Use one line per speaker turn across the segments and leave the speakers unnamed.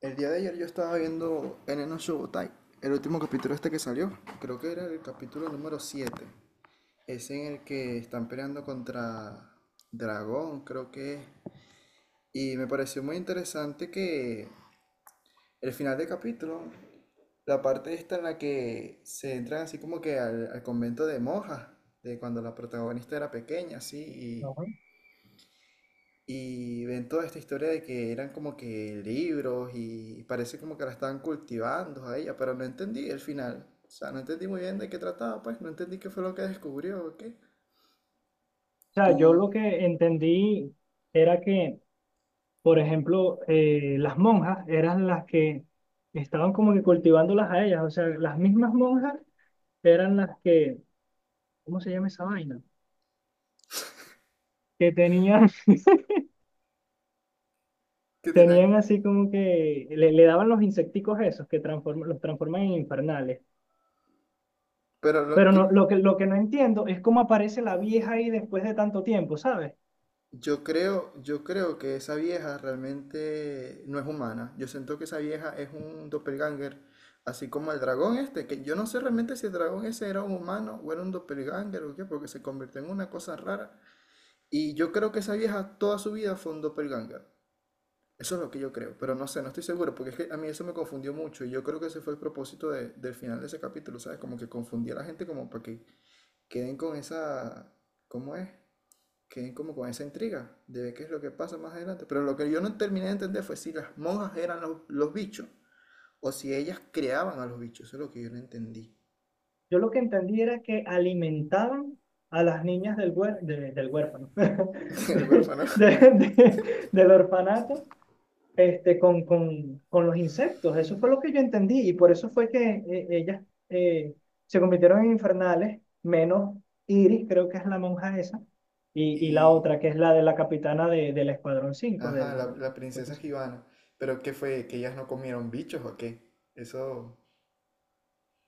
El día de ayer yo estaba viendo Eneno Shobutai, el último capítulo este que salió. Creo que era el capítulo número 7. Es en el que están peleando contra Dragón, creo que es. Y me pareció muy interesante que el final del capítulo, la parte esta en la que se entran así como que al convento de monjas, de cuando la protagonista era pequeña, así,
Ajá.
y
O
Y ven toda esta historia de que eran como que libros y parece como que la estaban cultivando a ella, pero no entendí el final. O sea, no entendí muy bien de qué trataba, pues no entendí qué fue lo que descubrió o qué.
sea, yo
Tú,
lo que entendí era que, por ejemplo, las monjas eran las que estaban como que cultivándolas a ellas. O sea, las mismas monjas eran las que, ¿cómo se llama esa vaina? Que tenían,
que tenían...
tenían así como que le daban los insecticos esos que los transforman en infernales.
Pero lo
Pero
que
no, lo que no entiendo es cómo aparece la vieja ahí después de tanto tiempo, ¿sabes?
yo creo que esa vieja realmente no es humana. Yo siento que esa vieja es un doppelganger, así como el dragón este, que yo no sé realmente si el dragón ese era un humano o era un doppelganger o qué, porque se convirtió en una cosa rara. Y yo creo que esa vieja toda su vida fue un doppelganger. Eso es lo que yo creo, pero no sé, no estoy seguro, porque es que a mí eso me confundió mucho y yo creo que ese fue el propósito del final de ese capítulo, ¿sabes? Como que confundía a la gente como para que queden con esa, ¿cómo es? Queden como con esa intriga de ver qué es lo que pasa más adelante. Pero lo que yo no terminé de entender fue si las monjas eran los bichos o si ellas creaban a los bichos, eso es lo que yo no entendí
Yo lo que entendí era que alimentaban a las niñas del huérfano,
del
de-
huérfano.
de- de- del orfanato, con los insectos. Eso fue lo que yo entendí y por eso fue que ellas eh, se convirtieron en infernales, menos Iris, creo que es la monja esa, y la
Y,
otra, que es la de la capitana del Escuadrón 5
ajá, la, la
Pues
princesa
eso.
Gibana. Pero ¿qué fue? ¿Que ellas no comieron bichos o qué? Eso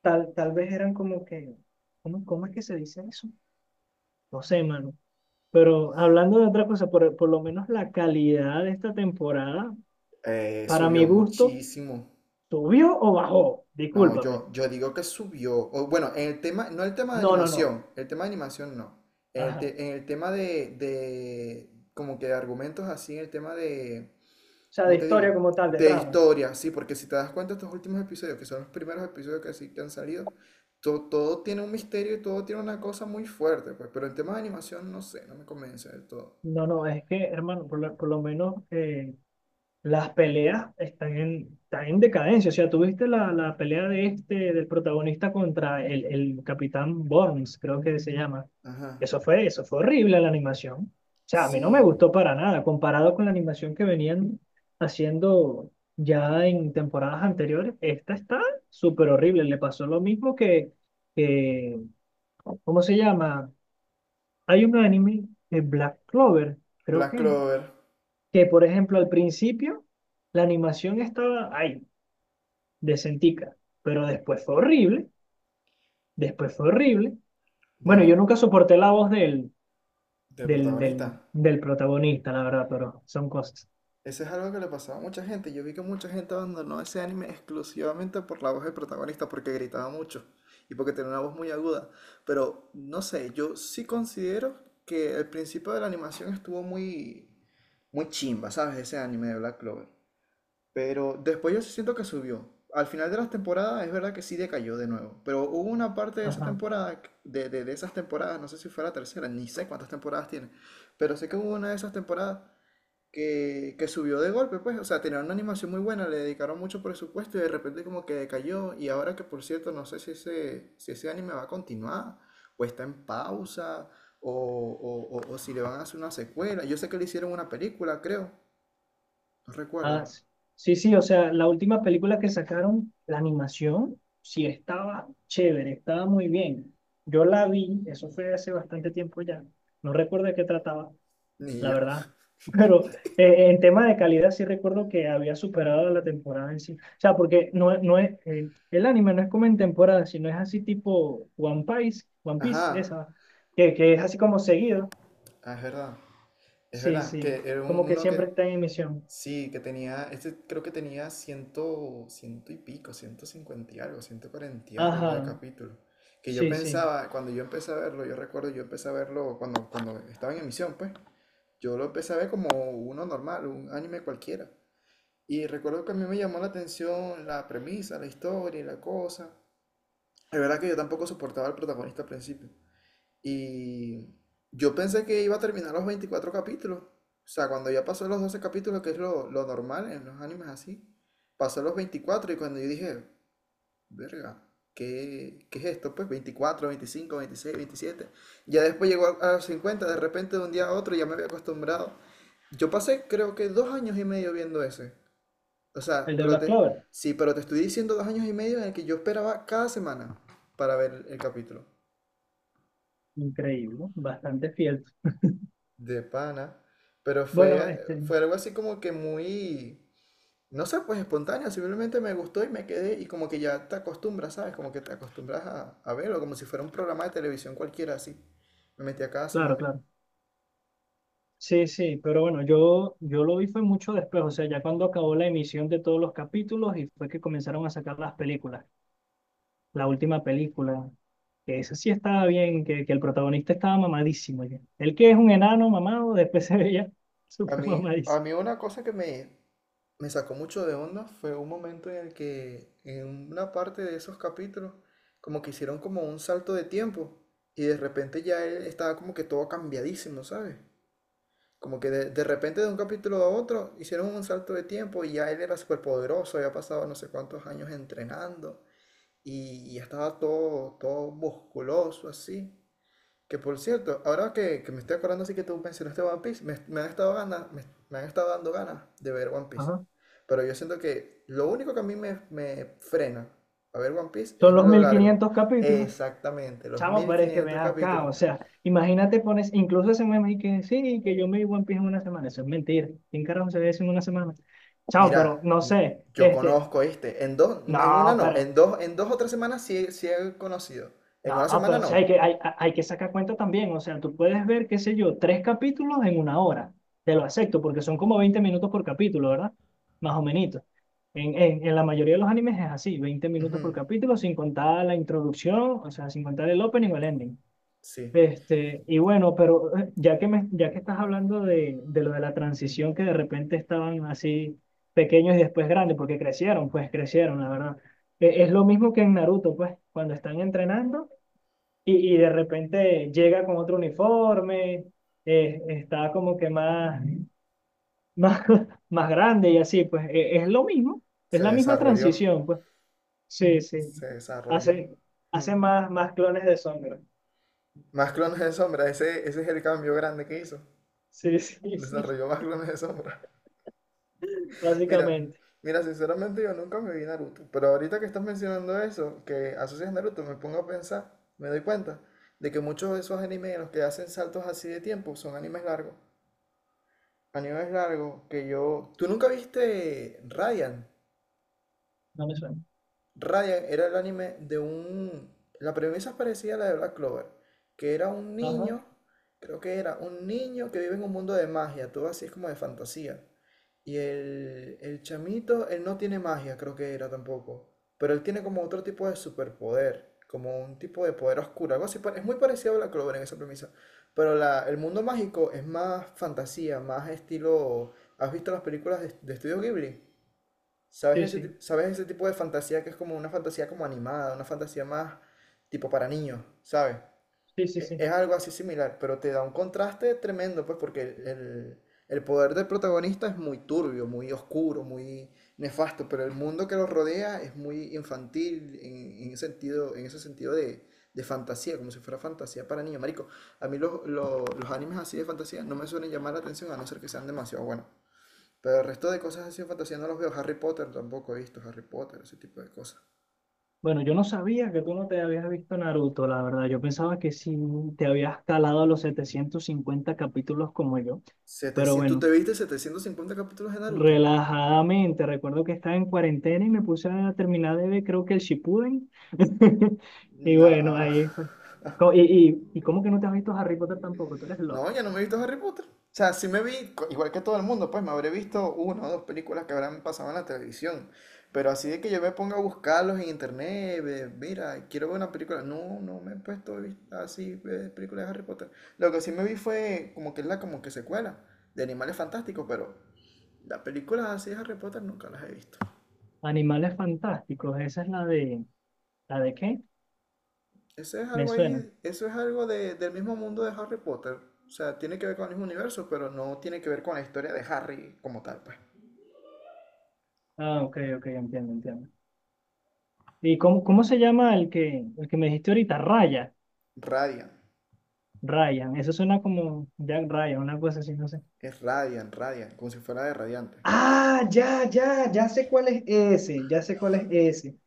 Tal vez eran como que, ¿cómo es que se dice eso? No sé, mano. Pero hablando de otra cosa, por lo menos la calidad de esta temporada, para mi
subió
gusto,
muchísimo.
¿subió o bajó?
No,
Discúlpame.
yo digo que subió. O, bueno, en el tema, no el tema de
No, no, no.
animación, el tema de animación no. En el,
Ajá. O
en el tema como que de argumentos así, en el tema de,
sea, de
¿cómo te
historia
digo?
como tal, de
De
trama.
historia, sí, porque si te das cuenta estos últimos episodios, que son los primeros episodios que, sí, que han salido, todo tiene un misterio y todo tiene una cosa muy fuerte, pues, pero el tema de animación no sé, no me convence del todo.
No, no, es que, hermano, por lo menos las peleas están en decadencia. O sea, tuviste la pelea del protagonista contra el Capitán Burns, creo que se llama.
Ajá.
Eso fue horrible la animación. O sea, a mí no me
Sí,
gustó para nada, comparado con la animación que venían haciendo ya en temporadas anteriores. Esta está súper horrible. Le pasó lo mismo que, ¿cómo se llama? Hay un anime de Black Clover, creo
Black
que es
Clover.
que, por ejemplo, al principio la animación estaba ahí, decentica, pero después fue horrible, después fue horrible. Bueno, yo
Bueno,
nunca soporté la voz del,
de
del,
protagonista.
del, del protagonista, la verdad, pero son cosas.
Ese es algo que le pasaba a mucha gente. Yo vi que mucha gente abandonó ese anime exclusivamente por la voz del protagonista, porque gritaba mucho y porque tenía una voz muy aguda. Pero no sé, yo sí considero que el principio de la animación estuvo muy, muy chimba, ¿sabes? Ese anime de Black Clover. Pero después yo siento que subió. Al final de las temporadas es verdad que sí decayó de nuevo. Pero hubo una parte de esa
Ajá.
temporada, de esas temporadas, no sé si fue la tercera, ni sé cuántas temporadas tiene. Pero sé que hubo una de esas temporadas que subió de golpe, pues. O sea, tenían una animación muy buena, le dedicaron mucho presupuesto y de repente como que decayó. Y ahora que por cierto, no sé si ese, si ese anime va a continuar o está en pausa o, o si le van a hacer una secuela. Yo sé que le hicieron una película, creo. No
Ah,
recuerdo.
sí, sí, sí, o sea, la última película que sacaron, la animación, sí estaba chévere, estaba muy bien. Yo la vi, eso fue hace bastante tiempo ya, no recuerdo de qué trataba,
Ni
la
yo.
verdad. Pero en tema de calidad sí recuerdo que había superado la temporada en sí. O sea, porque no, el anime no es como en temporada, sino es así tipo One Piece, One
Ajá,
Piece, esa, que es así como seguido.
ah, es
Sí,
verdad, que
sí,
era
como que
uno que,
siempre está en emisión.
sí, que tenía, este creo que tenía 100, 100 y pico, 150 y algo, 140 y algo de
Ajá,
capítulo, que yo
sí, sí.
pensaba, cuando yo empecé a verlo, yo recuerdo, yo empecé a verlo cuando, cuando estaba en emisión, pues, yo lo empecé a ver como uno normal, un anime cualquiera, y recuerdo que a mí me llamó la atención la premisa, la historia y la cosa, es verdad que yo tampoco soportaba al protagonista al principio, y yo pensé que iba a terminar los 24 capítulos. O sea, cuando ya pasó los 12 capítulos, que es lo normal en los animes así, pasó los 24 y cuando yo dije, verga, ¿qué, qué es esto? Pues 24 25 26, 27. Ya después llegó a los 50 de repente de un día a otro ya me había acostumbrado. Yo pasé creo que 2 años y medio viendo ese. O sea,
El de
pero
Black
te,
Clover,
sí, pero te estoy diciendo 2 años y medio en el que yo esperaba cada semana para ver el capítulo.
increíble, ¿no? Bastante fiel.
De pana. Pero
Bueno,
fue, fue algo así como que muy, no sé, pues espontáneo. Simplemente me gustó y me quedé. Y como que ya te acostumbras, ¿sabes? Como que te acostumbras a verlo, como si fuera un programa de televisión cualquiera así. Me metía cada
claro,
semana.
claro. Sí, sí, pero bueno, yo lo vi fue mucho después, o sea, ya cuando acabó la emisión de todos los capítulos y fue que comenzaron a sacar las películas, la última película, que esa sí estaba bien, que el protagonista estaba mamadísimo ya. El que es un enano mamado, después se veía súper
A
mamadísimo.
mí una cosa que me sacó mucho de onda fue un momento en el que en una parte de esos capítulos como que hicieron como un salto de tiempo y de repente ya él estaba como que todo cambiadísimo, ¿sabes? Como que de repente de un capítulo a otro hicieron un salto de tiempo y ya él era súper poderoso, había pasado no sé cuántos años entrenando y ya estaba todo, todo musculoso así. Que por cierto, ahora que, me estoy acordando así que tú mencionaste One Piece, me, me han estado dando ganas de ver One Piece.
Ajá.
Pero yo siento que lo único que a mí me frena a ver One Piece
Son
es
los
lo
mil
largo.
quinientos capítulos,
Exactamente, los
chamo,
mil
pero es que ven
quinientos
acá,
capítulos.
o sea, imagínate pones, incluso ese meme y que sí, que yo me vi One Piece en una semana, eso es mentira, ¿quién carajo se ve eso en una semana? Chamo, pero
Mira,
no sé,
yo
este...
conozco este. En dos, no, en una
No,
no.
pero
En dos, en 2 o 3 semanas sí, sí he conocido. En una
No,
semana
pero sí hay
no.
que, hay, hay que sacar cuenta también. O sea, tú puedes ver, qué sé yo, tres capítulos en una hora. Te lo acepto, porque son como 20 minutos por capítulo, ¿verdad? Más o menos. En la mayoría de los animes es así, veinte
Ujú,
minutos por capítulo, sin contar la introducción, o sea, sin contar el opening o el ending.
sí.
Y bueno, pero ya que estás hablando de, lo de la transición, que de repente estaban así pequeños y después grandes, porque crecieron, pues crecieron, la verdad. Es lo mismo que en Naruto, pues, cuando están entrenando y de repente llega con otro uniforme, está como que más, más grande y así, pues es lo mismo, es
Se
la misma
desarrolló.
transición, pues sí, sí,
Se desarrolló.
hace,
Mm.
hace más clones de sombra,
Más clones de sombra. Ese es el cambio grande que hizo.
sí, sí, sí,
Desarrolló más clones de sombra. Mira,
básicamente,
mira, sinceramente yo nunca me vi Naruto. Pero ahorita que estás mencionando eso, que asocias Naruto, me pongo a pensar, me doy cuenta de que muchos de esos animes en los que hacen saltos así de tiempo son animes largos. A es largo, que yo... ¿Tú nunca viste Radiant?
no me suena,
Raya era el anime de un... La premisa es parecida a la de Black Clover, que era un
ajá,
niño, creo que era un niño que vive en un mundo de magia, todo así es como de fantasía. Y el chamito, él no tiene magia, creo que era tampoco, pero él tiene como otro tipo de superpoder, como un tipo de poder oscuro, algo así, es muy parecido a Black Clover en esa premisa, pero el mundo mágico es más fantasía, más estilo... ¿Has visto las películas de Estudio Ghibli? ¿Sabes
sí,
ese,
sí,
sabes ese tipo de fantasía que es como una fantasía como animada, una fantasía más tipo para niños, ¿sabes?
sí, sí, sí.
Es algo así similar, pero te da un contraste tremendo, pues, porque el, el poder del protagonista es muy turbio, muy oscuro, muy nefasto, pero el mundo que lo rodea es muy infantil en, ese sentido, en ese sentido de fantasía, como si fuera fantasía para niños. Marico, a mí los animes así de fantasía no me suelen llamar la atención a no ser que sean demasiado buenos. Pero el resto de cosas así de fantasía no los veo. Harry Potter tampoco he visto Harry Potter, ese tipo de cosas.
Bueno, yo no sabía que tú no te habías visto Naruto, la verdad. Yo pensaba que sí te habías calado los 750 capítulos como yo. Pero
Setecientos, ¿tú
bueno,
te viste 750 capítulos de Naruto?
relajadamente. Recuerdo que estaba en cuarentena y me puse a terminar de ver, creo que el Shippuden. Y bueno,
No.
ahí fue. Co- Y, y, ¿y cómo que no te has visto Harry Potter tampoco? Tú eres
No,
loco.
ya no me he visto Harry Potter. O sea, sí me vi, igual que todo el mundo, pues me habré visto una o dos películas que habrán pasado en la televisión. Pero así de que yo me ponga a buscarlos en internet, ve, mira, quiero ver una película. No, no me he puesto a así películas de Harry Potter. Lo que sí me vi fue como que es la como que secuela de Animales Fantásticos, pero las películas así de Harry Potter nunca las he visto.
Animales fantásticos, esa es la de... ¿La de qué?
Eso es
Me
algo
suena.
ahí, eso es algo del mismo mundo de Harry Potter. O sea, tiene que ver con el mismo universo, pero no tiene que ver con la historia de Harry como tal, pues.
Ah, ok, ok, entiendo, entiendo. ¿Y cómo se llama el que me dijiste ahorita? Raya.
Radiant.
Ryan. Eso suena como Jack Ryan, una cosa así, no sé.
Es Radiant, Radiant, como si fuera de Radiante.
Ah, ya, ya, ya sé cuál es ese, ya sé cuál es ese.